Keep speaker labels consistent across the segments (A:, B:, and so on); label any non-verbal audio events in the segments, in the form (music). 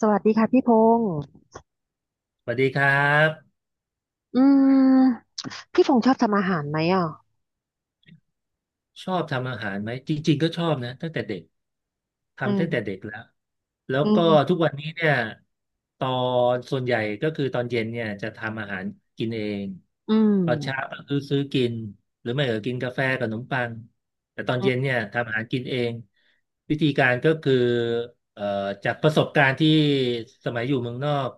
A: สวัสดีค่ะพี่พงษ์
B: สวัสดีครับ
A: อืมพี่พงษ์ชอบทำอาหารไหมอ่ะ
B: ชอบทำอาหารไหม จริงๆก็ชอบนะตั้งแต่เด็ก
A: อื
B: ทำตั้
A: ม
B: งแต่เด็กแล้ว แล้ว
A: อื
B: ก็
A: ม
B: ทุกวันนี้เนี่ยตอนส่วนใหญ่ก็คือตอนเย็นเนี่ยจะทำอาหารกินเอง
A: อืม
B: ตอนเช้าก็คือซื้อกินหรือไม่ก็กินกาแฟกับขนมปังแต่ตอน
A: อ
B: เย็
A: ม
B: นเนี่ยทำอาหารกินเองวิธีการก็คือเอ่อจากประสบการณ์ที่สมัยอยู่เมืองนอก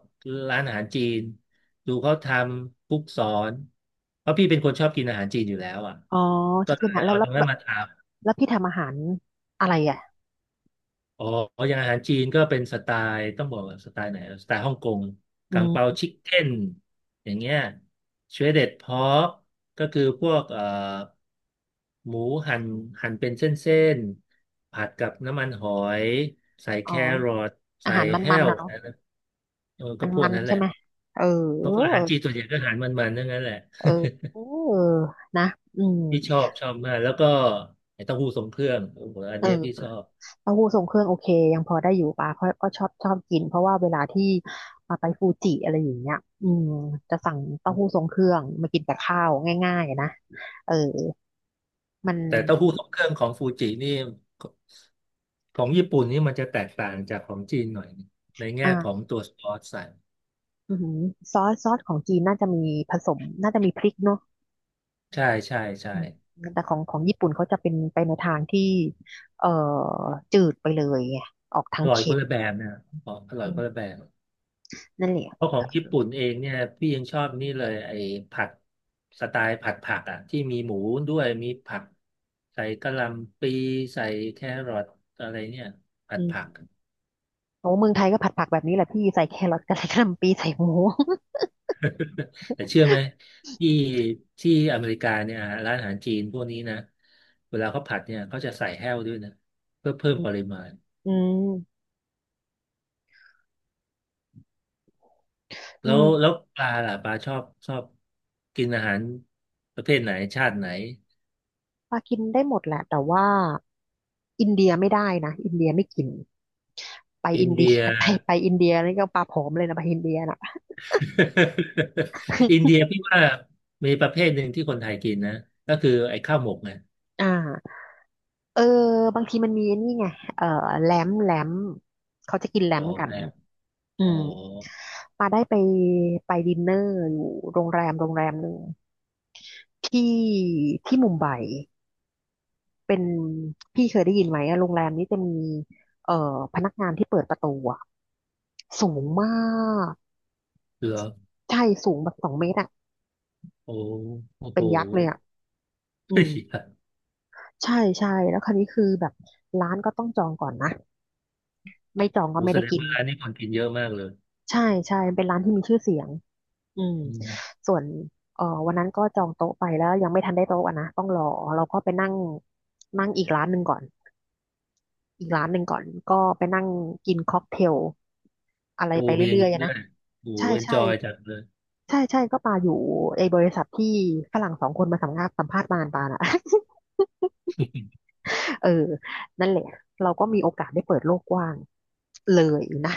B: ร้านอาหารจีนดูเขาทำคุกสอนเพราะพี่เป็นคนชอบกินอาหารจีนอยู่แล้วอ่ะ
A: อ๋อช
B: ก็
A: อบ
B: เล
A: กิน
B: ย
A: อาหารแล้
B: เอา
A: ว
B: ต
A: แล้
B: ร
A: ว
B: งนั้
A: แล้
B: น
A: ว
B: มาถาม
A: แล้วพี่ทำอาหารอะไรอ่ะ
B: อ๋ออย่างอาหารจีนก็เป็นสไตล์ ต้องบอกว่าสไตล์ไหนสไตล์ฮ่องกงกังเปา
A: อืม
B: ชิคเก้นอย่างเงี้ยชวเด็ดพอกก็คือพวกหมูหั่นหั่นเป็นเส้นๆผัดกับน้ำมันหอย ใส่
A: อ๋
B: แค
A: อ
B: รอท
A: อา
B: ใส่
A: หาร
B: แห้
A: มัน
B: ว
A: ๆนะเนาะ
B: เออก็พว
A: มั
B: ก
A: น
B: นั้น
A: ๆ
B: แห
A: ใช่
B: ละ
A: ไหมเออ
B: เขาก็อาหารจีนส่วนใหญ่ก็อาหารมันๆทั้งนั้นแหละ
A: เออ
B: (laughs)
A: เออนะอืม
B: พี่ชอบมาก แล้วก็ไอ้เต้าหู้ทรงเครื่องโอ้โหอัน
A: เออ
B: เนี้ยพี่ชอบ
A: เต้าหู้ทรงเครื่องโอเคยังพอได้อยู่ปะเพราะก็ชอบกินเพราะว่าเวลาที่ไปฟูจิอะไรอย่างเงี้ยอืมจะสั่งเต้าหู้ทรงเครื่องมากินกับข้าวง่ายๆนะเออมัน
B: แต่เต้าหู้ทรงเครื่องของฟูจินี่ของญี่ปุ่นนี่มันจะแตกต่างจากของจีนหน่อยนึงในแง่ของ
A: อ่า
B: ตัวซอสใส่
A: อือหือซอสของจีนน่าจะมีผสมน่าจะมีพริกเนาะ
B: ใช่ใช่ใช่
A: อืมแต่ของญี่ปุ่นเขาจะเป็นไปในทางที่เอ่อจืดไปเลยไงออกทา
B: อ
A: ง
B: ร่อย
A: เค็
B: คน
A: ม
B: ละแบบนะขอกอร่อ
A: อื
B: ยค
A: ม
B: นละแบบ
A: นั่นแหละ
B: เพราะข
A: เอ
B: องญี่
A: อ
B: ปุ่นเองเนี่ยพี่ยังชอบนี่เลยไอ้ผัดสไตล์ผัดผักอ่ะที่มีหมูด้วยมีผักใส่กะหล่ำปลีใส่แครอทอะไรเนี่ยผั
A: อื
B: ดผัก
A: มโอ้เมืองไทยก็ผัดผักแบบนี้แหละพี่ใส่แครอทกับใส่กะหล่ำปีใส่หมู
B: (laughs) แต่เชื่อไหมที่ที่อเมริกาเนี่ยอ่ะร้านอาหารจีนพวกนี้นะเวลาเขาผัดเนี่ยเขาจะใส่แห้วด้วยนะเพื่อเพิ่
A: อื
B: ม
A: ม
B: ปริมาณ
A: อืมอื
B: แล้
A: ม
B: วแล้วปลาล่ะปลาชอบกินอาหารประเภทไหนชาติไหน
A: ปลากินได้หมดแหละแต่ว่าอินเดียไม่ได้นะอินเดียไม่กินไป
B: อิ
A: อิ
B: น
A: นเดีย
B: เดีย
A: (laughs) ไปอินเดียนี่ก็ปลาผอมเลยนะไปอินเดียน่ะ
B: (laughs) อินเดียพี่ว่ามีประเภทหนึ่งที่คนไทยกินนะก็คือไอ้ข้าวหมกไง
A: อ่า เออบางทีมันมีนี่ไงเออแหลมแหลมเขาจะกินแหล
B: อ๋อ
A: มกัน
B: นะ
A: อื
B: อ๋อ
A: มปาได้ไปไปดินเนอร์อยู่โรงแรมโรงแรมหนึ่งที่ที่มุมไบเป็นพี่เคยได้ยินไหมอะโรงแรมนี้จะมีเอ่อพนักงานที่เปิดประตูอะสูงมาก
B: เหรอ
A: ใช่สูงแบบ2 เมตรอะ
B: โอ้โอ้
A: เป็
B: โห
A: นยักษ์เลยอะอื
B: เฮ้ย
A: ม
B: (laughs)
A: ใช่ใช่แล้วคราวนี้คือแบบร้านก็ต้องจองก่อนนะไม่จองก็
B: โอ้
A: ไม่
B: แส
A: ได้
B: ดง
A: กิน
B: ว่าอันนี้คนกินเยอะมากเลย
A: ใช่ใช่เป็นร้านที่มีชื่อเสียง อืม
B: อืม
A: ส่วนวันนั้นก็จองโต๊ะไปแล้วยังไม่ทันได้โต๊ะอะนะต้องรอเราก็ไปนั่งนั่งอีกร้านหนึ่งก่อนอีกร้านหนึ่งก่อนก็ไปนั่งกินค็อกเทลอะไร
B: โอ้
A: ไป
B: มีอย่าง
A: เรื่อ
B: นี้
A: ยๆอะ
B: ด้ว
A: นะ
B: ย โอ้
A: ใช่
B: เอนจ
A: ใช่
B: อยจังเลย
A: ใช่ใช่ก็ปาอยู่ไอ้บริษัทที่ฝรั่งสองคนมาสัมภาษณ์สัมภาษณ์มานปาน่ะ (laughs) เออนั่นแหละเราก็มีโอกาสได้เปิดโลกกว้างเลยนะ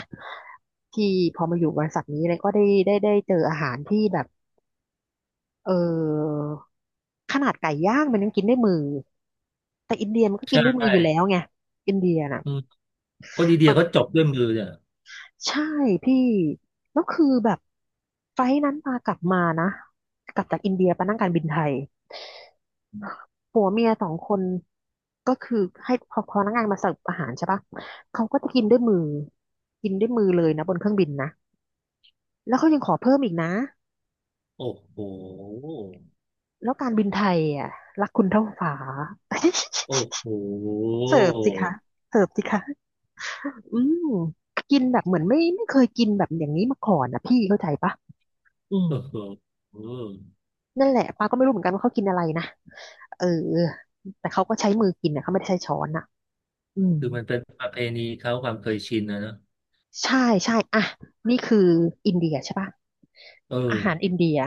A: ที่พอมาอยู่บริษัทนี้เลยก็ได้เจออาหารที่แบบ เออขนาดไก่ย่างมันยังกินด้วยมือแต่อินเดียมันก็
B: (laughs) ใช
A: กินด้วยมื
B: ่
A: ออยู่แล้วไงอินเดียน่ะ
B: อืมคนอินเดี
A: แบ
B: ย
A: บ
B: เขาจบด้วยมือเนี่ย
A: ใช่พี่แล้วคือแบบไฟล์นั้นมากลับมานะกลับจากอินเดียไปนั่งการบินไทยผัวเมียสองคนก็คือให้พอพนักงานมาเสิร์ฟอาหารใช่ปะเขาก็จะกินด้วยมือกินด้วยมือเลยนะบนเครื่องบินนะแล้วเขายังขอเพิ่มอีกนะ
B: โอ้โห
A: แล้วการบินไทยอ่ะรักคุณเท่าฟ้า
B: โอ้โห
A: (laughs) เสิร์ฟสิคะเสิร์ฟสิคะ อืมกินแบบเหมือนไม่เคยกินแบบอย่างนี้มาก่อนนะพี่เข้าใจปะอืม
B: โอ้โห
A: นั่นแหละป้าก็ไม่รู้เหมือนกันว่าเขากินอะไรนะเออแต่เขาก็ใช้มือกินนะเขาไม่ได้ใช้ช้อนอ่ะอืม
B: คือมันเป็นประเพณีเขาความเคยชินนะเนอะ
A: ใช่ใช่อ่ะนี่คืออินเดียใช่ปะ
B: เอ
A: อาหาร
B: อ
A: อินเดีย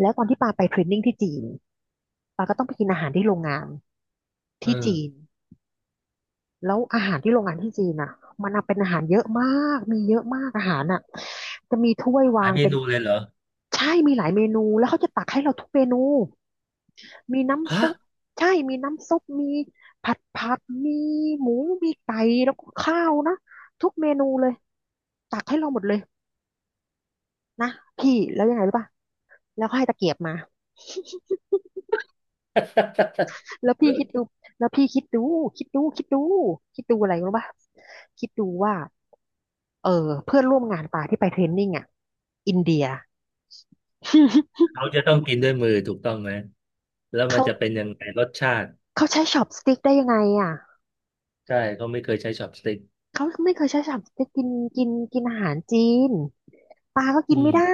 A: แล้วตอนที่ปาไปเทรนนิ่งที่จีนปาก็ต้องไปกินอาหารที่โรงงาน
B: เออ
A: ที่จีน แล้วอาหารที่โรงงานที่จีนอ่ะมันอะเป็นอาหารเยอะมากมีเยอะมากอาหารอ่ะจะมีถ้วย
B: หลา
A: วา
B: ย
A: ง
B: เม
A: เป็น
B: นูเลยเหรอ
A: ใช่มีหลายเมนูแล้วเขาจะตักให้เราทุกเมนูมี
B: (laughs)
A: น้ำ
B: ฮะ
A: ซุปใช่มีน้ำซุปมีผัดผักมีหมูมีไก่แล้วก็ข้าวนะทุกเมนูเลยตักให้เราหมดเลยนะพี่แล้วยังไงรู้ป่ะแล้วก็ให้ตะเกียบมา (laughs) แล้วพี่คิดดูแล้วพี่คิดดูคิดดูคิดดูคิดดูอะไรรู้ป่ะคิดดูว่า เออเพื่อนร่วมงานปาที่ไปเทรนนิ่งอ่ะอินเดีย (laughs)
B: เขาจะต้องกินด้วยมือถูกต้องไหม แล้วมัน
A: เขา
B: จะเป็นยังไงรสชาติ
A: เขาใช้ช็อปสติ๊กได้ยังไงอ่ะ
B: ใช่เขาไม่เคยใช้ช็อปสติ๊ก
A: เขาไม่เคยใช้ช็อปสติ๊กกินกินกินอาหารจีนปาก็
B: อื
A: กินไม่
B: ม
A: ได้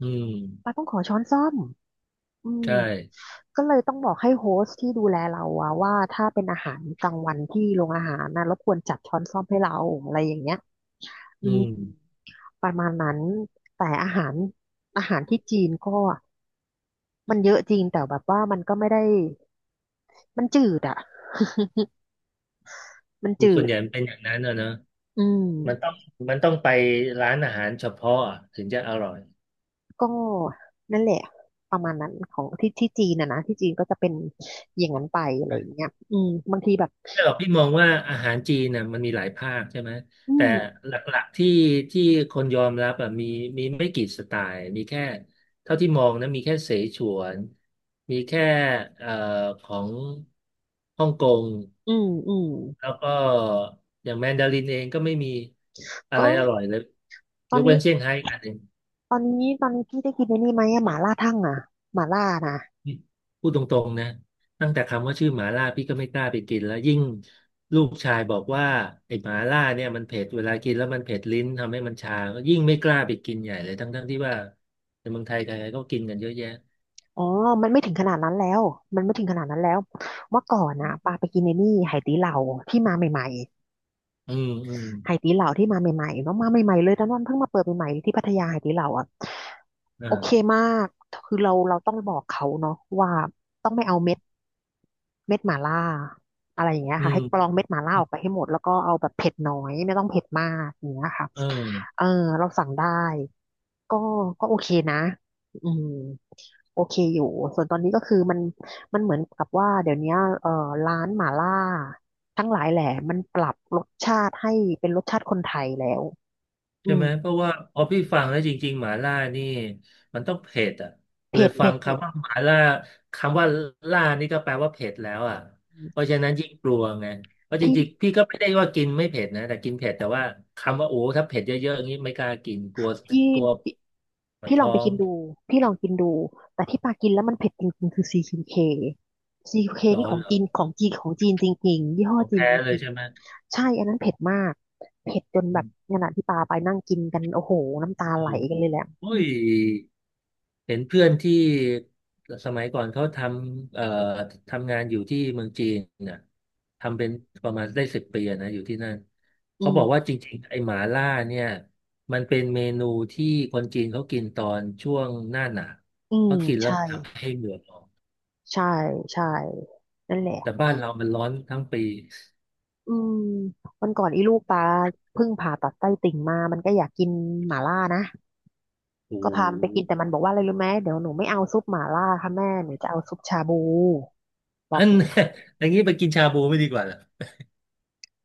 B: อื
A: ปา
B: ม
A: ต้องขอช้อนส้อมอืม
B: ใช่
A: ก็เลยต้องบอกให้โฮสต์ที่ดูแลเราอะว่าถ้าเป็นอาหารกลางวันที่โรงอาหารนะรบกวนจัดช้อนส้อมให้เราอะไรอย่างเงี้ยอื
B: อื
A: ม
B: ม
A: ประมาณนั้นแต่อาหารอาหารที่จีนก็มันเยอะจริงแต่แบบว่ามันก็ไม่ได้มันจืดอะ (laughs) มัน
B: คือ
A: จื
B: ส่วน
A: ด
B: ใหญ่มันเป็นอย่างนั้นนะนะ
A: อื
B: มันต้อ
A: ม
B: งมันต้องไปร้านอาหารเฉพาะอะถึงจะอร่อย
A: ก็นั่นแหละประมาณนั้นของที่ที่จีนนะนะที่จีนก็จะเป็นอย่างนั้นไปอะไรอย่าง
B: ่
A: เงี้ยอืมบางทีแบบ
B: ไม่หรอกพี่มองว่าอาหารจีนน่ะมันมีหลายภาคใช่ไหม
A: อื
B: แต่
A: ม
B: หลักๆที่คนยอมรับอ่ะมีไม่กี่สไตล์มีแค่เท่าที่มองนะมีแค่เสฉวน มีแค่เอ่อของฮ่องกง
A: อืมอืม
B: แล้วก็อย่างแมนดารินเองก็ไม่มีอะ
A: ก็
B: ไรอร่อยเลย
A: ต
B: ย
A: อน
B: กเว้
A: นี้
B: นเซี่ยงไฮ้กอันหนึ่ง
A: ตอนนี้พี่ได้กินในนี่ไหมอะหม่าล่าทั่งอะหม่าล่านะ
B: นี่พูดตรงๆนะตั้งแต่คำว่าชื่อหมาล่าพี่ก็ไม่กล้าไปกินแล้วยิ่งลูกชายบอกว่าไอ้หมาล่าเนี่ยมันเผ็ดเวลากินแล้วมันเผ็ดลิ้นทำให้มันชาก็ยิ่งไม่กล้าไปกินใหญ่เลยทั้งๆที่ว่าในเมืองไทยใครๆก็กินกันเยอะแยะ
A: อ๋อมันไม่ถึงขนาดนั้นแล้วมันไม่ถึงขนาดนั้นแล้วเมื่อก่อนนะปาไปกินใน้นี่ไหตี้เหล่าที่มาใหม่ๆ
B: อืมอืม
A: ไหตีเหลาที่มาใหม่ๆเนาะมาใหม่ๆเลยตอนนั้นเพิ่งมาเปิดใหม่ๆที่พัทยาไหตีเหลาอ่ะโอ
B: อ่า
A: เคมากคือเราต้องบอกเขาเนาะว่าต้องไม่เอาเม็ดเม็ดหม่าล่าอะไรอย่างเงี้ย
B: อื
A: ค่ะให้กร
B: ม
A: องเม็ดหม่าล่าออกไปให้หมดแล้วก็เอาแบบเผ็ดน้อยไม่ต้องเผ็ดมากอย่างเงี้ยค่ะ
B: เออ
A: เออเราสั่งได้ก็ก็โอเคนะอืมโอเคอยู่ส่วนตอนนี้ก็คือมันเหมือนกับว่าเดี๋ยวเนี้ยร้านหม่าล่าทั้งหลายแหละมันปรับรสชาติให้เป็นรสชาติคนไทยแล้ว อื
B: ใช่
A: ม
B: ไหมเพราะว่าพอพี่ฟังแล้วจริงๆหมาล่านี่มันต้องเผ็ดอ่ะเล
A: เผ็
B: ย
A: ด
B: ฟั
A: เผ็
B: ง
A: ดเผ็ด
B: คำว่าหมาล่าคำว่าล่านี่ก็แปลว่าเผ็ดแล้วอ่ะเพราะฉะนั้นยิ่งกลัวไงเพราะจ
A: พี่
B: ริงๆพี่ก็ไม่ได้ว่ากินไม่เผ็ดนะแต่กินเผ็ดแต่ว่าคำว่าโอ้ถ้าเผ็ดเยอะๆอย่างนี้ไม่กล้ากินกลัว
A: พี่
B: กลัว
A: พี่
B: ปวด
A: พี่ลอ
B: ท้
A: ง
B: อ
A: ไป
B: ง
A: กินดูพี่ลองกินดูแต่ที่ปากินแล้วมันเผ็ดจริงๆคือซีคิวเค
B: หรอ
A: นี่ของ
B: เหรอ
A: จีนของจีนของจีนจริงๆยี่ห้อ
B: ของ
A: จีน
B: แท้
A: จ
B: เลย
A: ริง
B: ใช่ไหม
A: ๆใช่อันนั้นเผ็ดมากเผ็ดจนแบบขณะที่ปาไปนั่งกินกันโอ้โหน้ำตาไหลกันเลยแหละอื
B: โอ้ย
A: ม
B: เห็นเพื่อนที่สมัยก่อนเขาทำทำงานอยู่ที่เมืองจีนน่ะทำเป็นประมาณได้10 ปีอะนะอยู่ที่นั่น
A: อื
B: เขาบอกว่า
A: ม
B: จริงๆไอ้หมาล่าเนี่ยมันเป็นเมนูที่คนจีนเขากินตอนช่วงหน้าหนาว
A: อืม
B: เขากินแล้ว
A: ใช่
B: มันทำให้เหงื่อออก
A: ใช่ใช่นั่นแหละ
B: แต่บ้านเรามันร้อนทั้งปี
A: อืมวันก่อนอีลูกปาเพิ่งผ่าตัดไส้ติ่งมามันก็อยากกินหม่าล่านะ
B: โอ้โ
A: ก็พามันไปกิน
B: ห
A: แต่มันบอกว่าอะไรรู้ไหมเดี๋ยวหนูไม่เอาซุปหม่าล่าค่ะแม่หนูจะเอาซุปชาบูบ
B: อั
A: อก
B: น
A: อย่างนี้
B: (laughs) อย่างนี้ไปกินชาบูไม่ดีกว่าเหรอ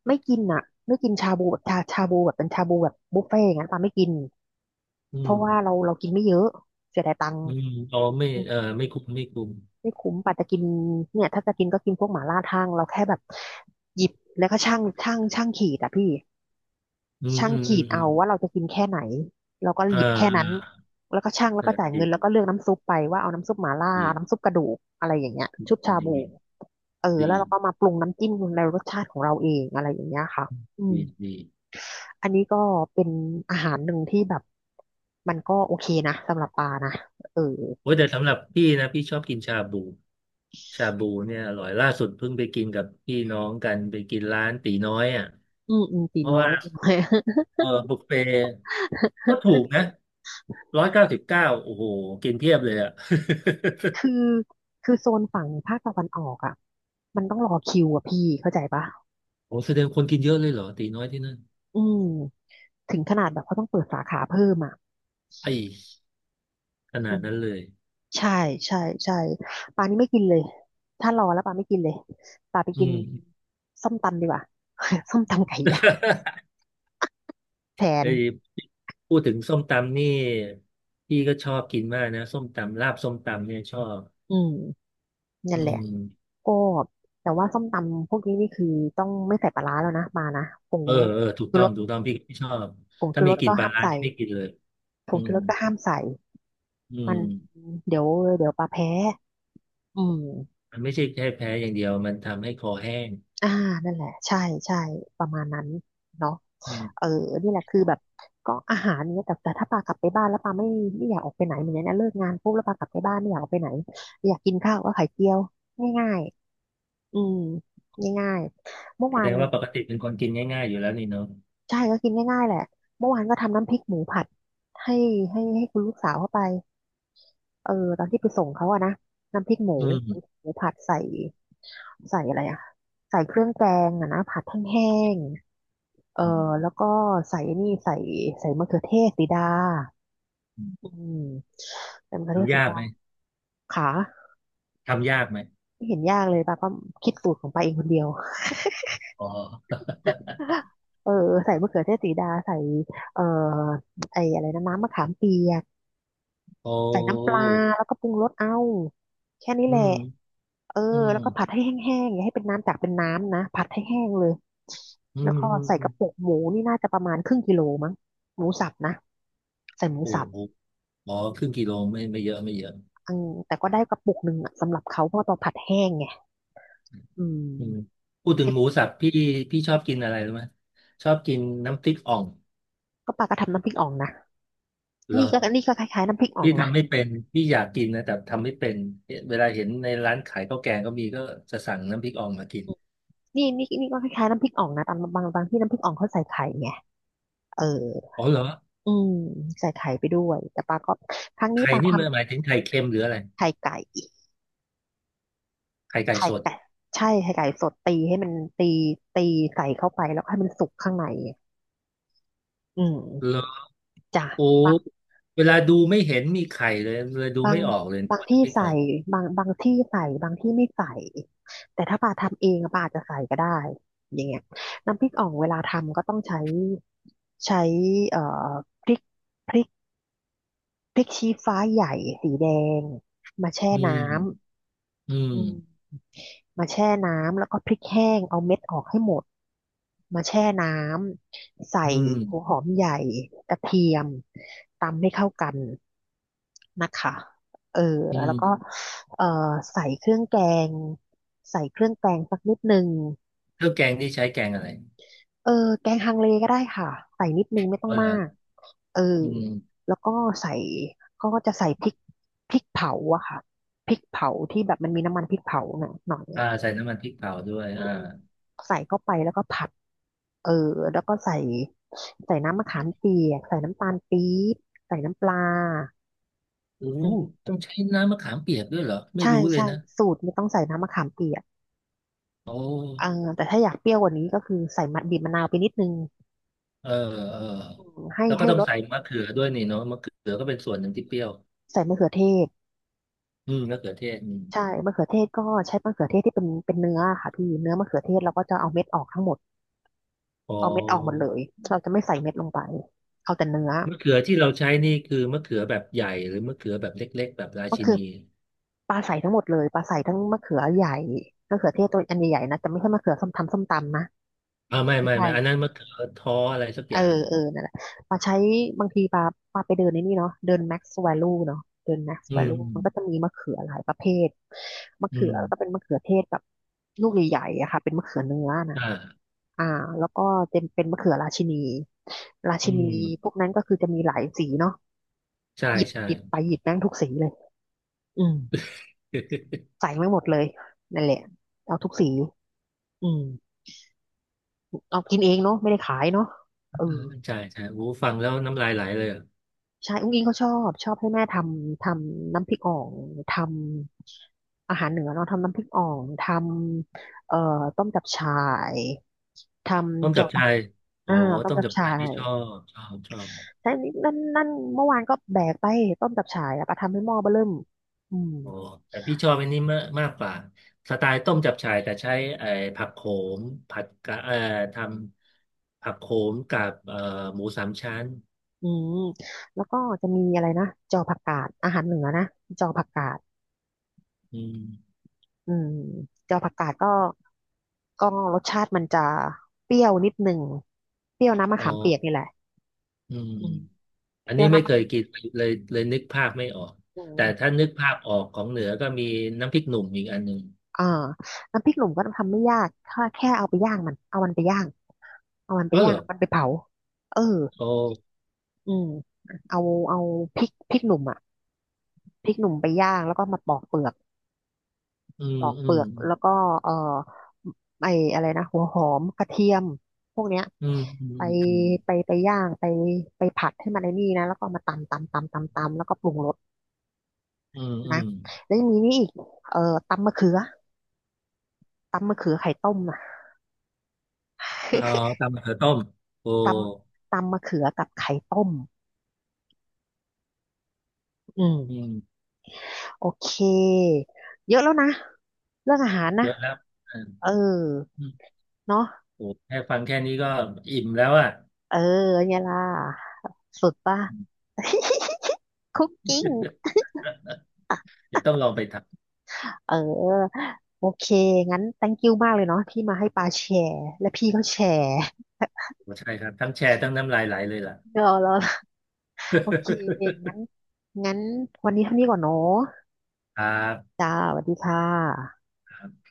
A: ไม่กินอ่ะไม่กินชาบูแบบชาบูแบบเป็นชาบูแบบบุฟเฟ่ต์อย่างนั้นปาไม่กิน
B: อื
A: เพ
B: ม
A: ราะว่าเรากินไม่เยอะเสียดายตังค์
B: อืมอ๋อไม่
A: อืม
B: เออไม่คุ้มไม่คุ้ม
A: ไม่คุ้มปาจะกินเนี่ยถ้าจะกินก็กินพวกหม่าล่าทั่งเราแค่แบบหยิบแล้วก็ช่างขีดอ่ะพี่
B: อืม
A: ช่าง
B: อืมอื
A: ขี
B: ม
A: ดเอาว่าเราจะกินแค่ไหนเราก็
B: เอ
A: หยิบแค่นั้น
B: อ
A: แล้วก็ช่างแล้
B: เอ
A: วก็
B: อ
A: จ่าย
B: ดี
A: เงินแล้วก็เลือกน้ำซุปไปว่าเอาน้ำซุปหม่าล่า
B: ดี
A: น้ำซุปกระดูกอะไรอย่างเงี้ยชุบ
B: ดี
A: ชา
B: ดี
A: บูเออแล้
B: ดี
A: วเราก็มาปรุงน้ำจิ้มในรสชาติของเราเองอะไรอย่างเงี้ยค่ะอืม
B: ดีดี
A: อันนี้ก็เป็นอาหารหนึ่งที่แบบมันก็โอเคนะสำหรับปลานะเออ
B: โอ้ยแต่สำหรับพี่นะพี่ชอบกินชาบูชาบูเนี่ยอร่อยล่าสุดเพิ่งไปกินกับพี่น้องกันไปกินร้านตีน้อยอ่ะ
A: อืมอืมตี
B: เพราะ
A: น้อ
B: ว่า
A: ย (laughs) ตีน้อย (laughs)
B: เออบุฟเฟ่ต์ก็ถูกนะ199โอ้โหกินเพียบเลยอ่ะ (laughs)
A: คือคือโซนฝั่งภาคตะวันออกอ่ะมันต้องรอคิวอ่ะพี่เข้าใจปะ
B: โอ้แสดงคนกินเยอะเลยเหรอตีน้อยที่นั่น
A: อืมถึงขนาดแบบเขาต้องเปิดสาขาเพิ่มอ่ะ
B: ไอ้ข
A: อื
B: นาด
A: ม
B: นั้นเลย
A: ใช่ใช่ใช่ปลานี่ไม่กินเลยถ้ารอแล้วปลาไม่กินเลยปลาไป
B: อื
A: กิน
B: ม
A: ส้มตำดีกว่า (laughs) ส้มตำไก่ย่าง
B: (laughs)
A: แทน
B: เอ้ยพูดถึงส้มตำนี่พี่ก็ชอบกินมากนะส้มตำลาบส้มตำเนี่ยชอบ
A: อืมนั่
B: อื
A: นแหละ
B: ม
A: ก็แต่ว่าส้มตำพวกนี้นี่คือต้องไม่ใส่ปลาร้าแล้วนะปลานะผง
B: เออเออถูก
A: ชู
B: ต้อ
A: ร
B: ง
A: ส
B: ถูกต้องพี่ชอบ
A: ผง
B: ถ้า
A: ชูร
B: มี
A: ส
B: กลิ่น
A: ก็
B: ปลา
A: ห้าม
B: ร้า
A: ใส่
B: นี่ไม่กินเลย
A: ผ
B: อื
A: งชู
B: ม
A: รสก็ห้ามใส่
B: อื
A: มัน
B: ม
A: เดี๋ยวเดี๋ยวปลาแพ้อืม
B: มันไม่ใช่แค่แพ้อย่างเดียวมันทำให้คอแห้ง
A: อ่านั่นแหละใช่ใช่ประมาณนั้นเนาะ
B: อืม
A: เออนี่แหละคือแบบก็อาหารเนี่ยแต่ถ้าปากลับไปบ้านแล้วปาไม่อยากออกไปไหนเหมือนเนี้ยนะเลิกงานปุ๊บแล้วปากลับไปบ้านไม่อยากออกไปไหนอยากกินข้าวก็ไข่เจียวง่ายๆอืมง่ายๆเมื่อ
B: แส
A: วา
B: ด
A: น
B: งว่าปกติเป็นคนกินง่ายๆอยู่แล้วนี่เนาะ
A: ใช่ก็กินง่ายๆแหละเมื่อวานก็ทำน้ำพริกหมูผัดให้ให้คุณลูกสาวเข้าไปเออตอนที่ไปส่งเขาอะนะน้ำพริกหมู
B: อืมอ
A: หมูผัดใส่ใส่อะไรอะใส่เครื่องแกงอะนะผัดแห้ง เออ
B: ืม
A: แล้วก็ใส่นี่ใส่ใส่มะเขือเทศสีดา
B: อื
A: อื
B: ม
A: มใส่มะเขือเทศ
B: ทำ
A: สี
B: ยาก
A: ดา
B: ไหม
A: ขา
B: ทำยากไหม
A: ไม่เห็นยากเลยป้าก็คิดสูตรของป้าเองคนเดียว
B: อ๋อ
A: (laughs) เออใส่มะเขือเทศสีดาใส่เอ่อไอ้อะไรนะน้ำมะขามเปียก
B: โอ้
A: ใส่น้ำปลาแล้วก็ปรุงรสเอาแค่นี้
B: อื
A: แหละ
B: ม
A: เออ
B: อืม
A: แล้วก็ผัดให้แห้งๆอย่าให้เป็นน้ำจากเป็นน้ำนะผัดให้แห้งเลย
B: อื
A: แล้ว
B: ม
A: ก็
B: อืม
A: ใส่
B: อื
A: ก
B: ม
A: ระปุกหมูนี่น่าจะประมาณครึ่งกิโลมั้งหมูสับนะใส่หมู
B: โอ้
A: สับ
B: โหอ๋อครึ่งกิโลไม่เยอะไม่เยอะ
A: อืมแต่ก็ได้กระปุกหนึ่งอะสำหรับเขาเพราะว่าเราผัดแห้งไงอื
B: อืม
A: ม
B: พูดถึงหมูสับพี่ชอบกินอะไรรู้ไหมชอบกินน้ำพริกอ่อง
A: ก็ปลาก็ทำน้ำพริกอ่องนะ
B: เหร
A: นี่
B: อ
A: ก็นี่ก็คล้ายๆน้ำพริกอ่อ
B: พี่
A: งนะ
B: ทำไม่เป็นพี่อยากกินนะแต่ทำไม่เป็นเวลาเห็นในร้านขายข้าวแกงก็มีก็จะสั่งน้ำพริกอ่องมากิน
A: นี่นี่ก็คล้ายๆน้ำพริกอ่องนะตามบางบางที่น้ำพริกอ่องเขาใส่ไข่ไงเออ
B: อ๋อเหรอ
A: อืมใส่ไข่ไปด้วยแต่ปลาก็ครั้งนี้
B: ไข่
A: ปลาท
B: นี่มันหมายถึงไข่เค็มหรืออะไร
A: ำไข่ไก่
B: ไข่ไก่
A: ไข่
B: สด
A: ไก่ใช่ไข่ไก่สดตีให้มันตีตีใส่เข้าไปแล้วให้มันสุกข้างในอื
B: เหร
A: ม
B: อ
A: จ้
B: โอ้
A: ะ
B: เวลาดูไม่เห็นมีไข่เลยเลยดู
A: บา
B: ไม่
A: ง
B: ออกเลย
A: บาง
B: ว่า
A: ที่
B: น้ำพริกอ่
A: ใส่
B: อง
A: บางที่ใส่บางที่ไม่ใส่แต่ถ้าปาทำเองอะปาอาจจะใส่ก็ได้อย่างเงี้ยน้ำพริกอ่องเวลาทำก็ต้องใช้ใช้เอ่อพริกพริกพริกชี้ฟ้าใหญ่สีแดงมาแช่
B: อื
A: น้
B: มอื
A: ำ
B: ม
A: อืม มาแช่น้ำแล้วก็พริกแห้งเอาเม็ดออกให้หมดมาแช่น้ำใส่
B: อืม
A: หัวหอมใหญ่กระเทียมตำให้เข้ากันนะคะเออ
B: อื
A: แล้วก็
B: ม
A: เออใส่เครื่องแกงใส่เครื่องแกงสักนิดนึง
B: เครื่องแกงนี่ใช้แกงอะไร
A: เออแกงฮังเลก็ได้ค่ะใส่นิดนึงไม่ต้อ
B: อ๋
A: ง
B: อเหร
A: มา
B: อ
A: กเออ
B: อืม
A: แล้วก็ใส่ก็จะใส่พริกเผาอะค่ะพริกเผาที่แบบมันมีน้ำมันพริกเผาหน่อยหน่อ
B: อ่า
A: ย
B: ใส่น้ำมันพริกเผาด้วย
A: อื
B: อ่า
A: มใส่เข้าไปแล้วก็ผัดเออแล้วก็ใส่ใส่น้ำมะขามเปียกใส่น้ำตาลปี๊บใส่น้ำปลา
B: โอ้
A: อืม
B: ต้องใช้น้ำมะขามเปียกด้วยเหรอไม่
A: ใช่
B: รู้เลย
A: ใช่
B: นะ
A: สูตรไม่ต้องใส่น้ำมะขามเปียก
B: โอ้
A: เอ่าแต่ถ้าอยากเปรี้ยวกว่านี้ก็คือใส่มะบีบมะนาวไปนิดนึง
B: เออเออ
A: อืมให้
B: แล้วก็ต้อง
A: รส
B: ใส่มะเขือด้วยนี่เนาะมะเขือก็เป็นส่วนหนึ่งที่เปรี้ยว
A: ใส่มะเขือเทศ
B: อืมมะเขือเทศอืม
A: ใช่มะเขือเทศก็ใช้มะเขือเทศที่เป็นเนื้อค่ะพี่เนื้อมะเขือเทศเราก็จะเอาเม็ดออกทั้งหมด
B: อ๋
A: เอาเม็ดออกหมด
B: อ
A: เลยเราจะไม่ใส่เม็ดลงไปเอาแต่เนื้อ
B: มะเขือที่เราใช้นี่คือมะเขือแบบใหญ่หรือมะเขือแบบเล็กๆแบบรา
A: มะ
B: ชิ
A: เขือ
B: นี
A: ปลาใสทั้งหมดเลยปลาใสทั้งมะเขือใหญ่มะเขือเทศตัวอันใหญ่ๆนะแต่ไม่ใช่มะเขือส้มทำส้มตำนะ
B: อ่าไม่
A: ไม่
B: ไม่
A: ใช่
B: ไม่อันนั้นมะเขือท้ออะไรสัก
A: เอ
B: อ
A: อ
B: ย่าง
A: เออนั่นแหละปลาใช้บางทีปลาปลาไปเดินในนี่เนาะเดิน Max Value เนาะเดิน Max
B: อืม
A: Value มันก็จะมีมะเขือหลายประเภทมะ
B: อื
A: เขือ
B: ม
A: ก็เป็นมะเขือเทศแบบลูกใหญ่ๆอะค่ะเป็นมะเขือเนื้อนะ
B: อ่า
A: อ่าแล้วก็เป็นมะเขือราชินีรา
B: อื
A: ชินี
B: ม
A: พวกนั้นก็คือจะมีหลายสีเนาะ
B: ใช่
A: หยิบ
B: ใช่
A: ไปหยิบแม่งทุกสีเลยอืม
B: (laughs)
A: ใส่แม่งหมดเลยนั่นแหละเอาทุกสีอืม เอากินเองเนาะไม่ได้ขายเนาะเออ
B: ใช่ใช่โอ้ฟังแล้วน้ำลายไหลเลยอะ
A: ใช่อุ้งอิงเขาชอบให้แม่ทำทำน้ำพริกอ่องทำอาหารเหนือเนาะทำน้ำพริกอ่องทำต้มจับฉ่ายท
B: ต้ม
A: ำ
B: จั
A: จาะ
B: บ
A: ปัก
B: ชายโอ้
A: อ่าต้ม
B: ต้ม
A: จับ
B: จับ
A: ฉ่า
B: ชายที่
A: ย
B: ชอบชอบชอบ
A: ใช่นั่นนั่นเมื่อวานก็แบกไปต้มจับฉ่ายอะไปทำให้หม้อเบ้อเริ่มอืม
B: อ๋อแต่พี่ชอบอันนี้มากมากกว่าสไตล์ต้มจับฉ่ายแต่ใช้ไอ้ผักโขมผัดกะทำผักโขมกับหมูสามชั้น
A: อืมแล้วก็จะมีอะไรนะจอผักกาดอาหารเหนือนะจอผักกาด
B: อืม
A: อืมเจ้าผักกาดก็ก็รสชาติมันจะเปรี้ยวนิดหนึ่งเปรี้ยวน้ำมะ
B: อ๋อ
A: ขามเปียกนี่แหละ
B: อืม
A: อืม
B: อัน
A: เปรี้
B: นี้
A: ยว
B: ไม่
A: น้ำ
B: เค
A: มะ
B: ยกินเลยเลยนึกภาพไม่ออก
A: อื
B: แต่
A: ม
B: ถ้านึกภาพออกของเหนือก็มีน้ำพริกหนุ่มอีกอันหนึ่ง
A: อ่าน้ำพริกหนุ่มก็ทำไม่ยากถ้าแค่เอาไปย่างมันเอามันไปย่างเอามันไป
B: ก็เห
A: ย่า
B: ร
A: ง
B: อ
A: มันไปเผาเออ
B: โอ้
A: อืมเอาเอาพริกหนุ่มอ่ะพริกหนุ่มไปย่างแล้วก็มาปอกเปลือก
B: อืม
A: ปอก
B: อื
A: เปลื
B: ม
A: อกแล้วก็เอ่อไออะไรนะหัวหอมกระเทียมพวกเนี้ย
B: อืมอื
A: ไป
B: มอืม
A: ไปไปย่างไปไปผัดให้มันไอ้นี่นะแล้วก็เอามาตำแล้วก็ปรุงรส
B: อืมอื
A: นะ
B: ม
A: แล้วยังมีนี่อีกตำมะเขือตำมะเขือไข่ต้มนะ
B: เอ่อ
A: (laughs)
B: ตำมะเขือต้มโอ้
A: ตตำมะเขือกับไข่ต้มอื
B: อื
A: ม
B: ม
A: โอเคเยอะแล้วนะเรื่องอาหาร
B: เย
A: นะ
B: อะแล้วอ
A: เออ
B: ืม
A: เนาะ
B: โอ้แค่ฟังแค่นี้ก็อิ่มแล้วอ่ะ
A: เออเนี่ยล่ะสุดป่ะ (laughs) คุกกิ้ง
B: (laughs) เดี๋ยวต้องลองไปท
A: เออโอเคงั้น thank you มากเลยเนาะที่มาให้ปาแชร์และพี่ก็แชร์
B: ำใช่ครับ ทั้งแชร์ทั้งน้ำลายไหลเลยล่ะ
A: (laughs) เออแล้วโอเคงั้นงั้นวันนี้เท่านี้ก่อนเนาะ
B: (laughs) ครั
A: จ้าสวัสดีค่ะ
B: บ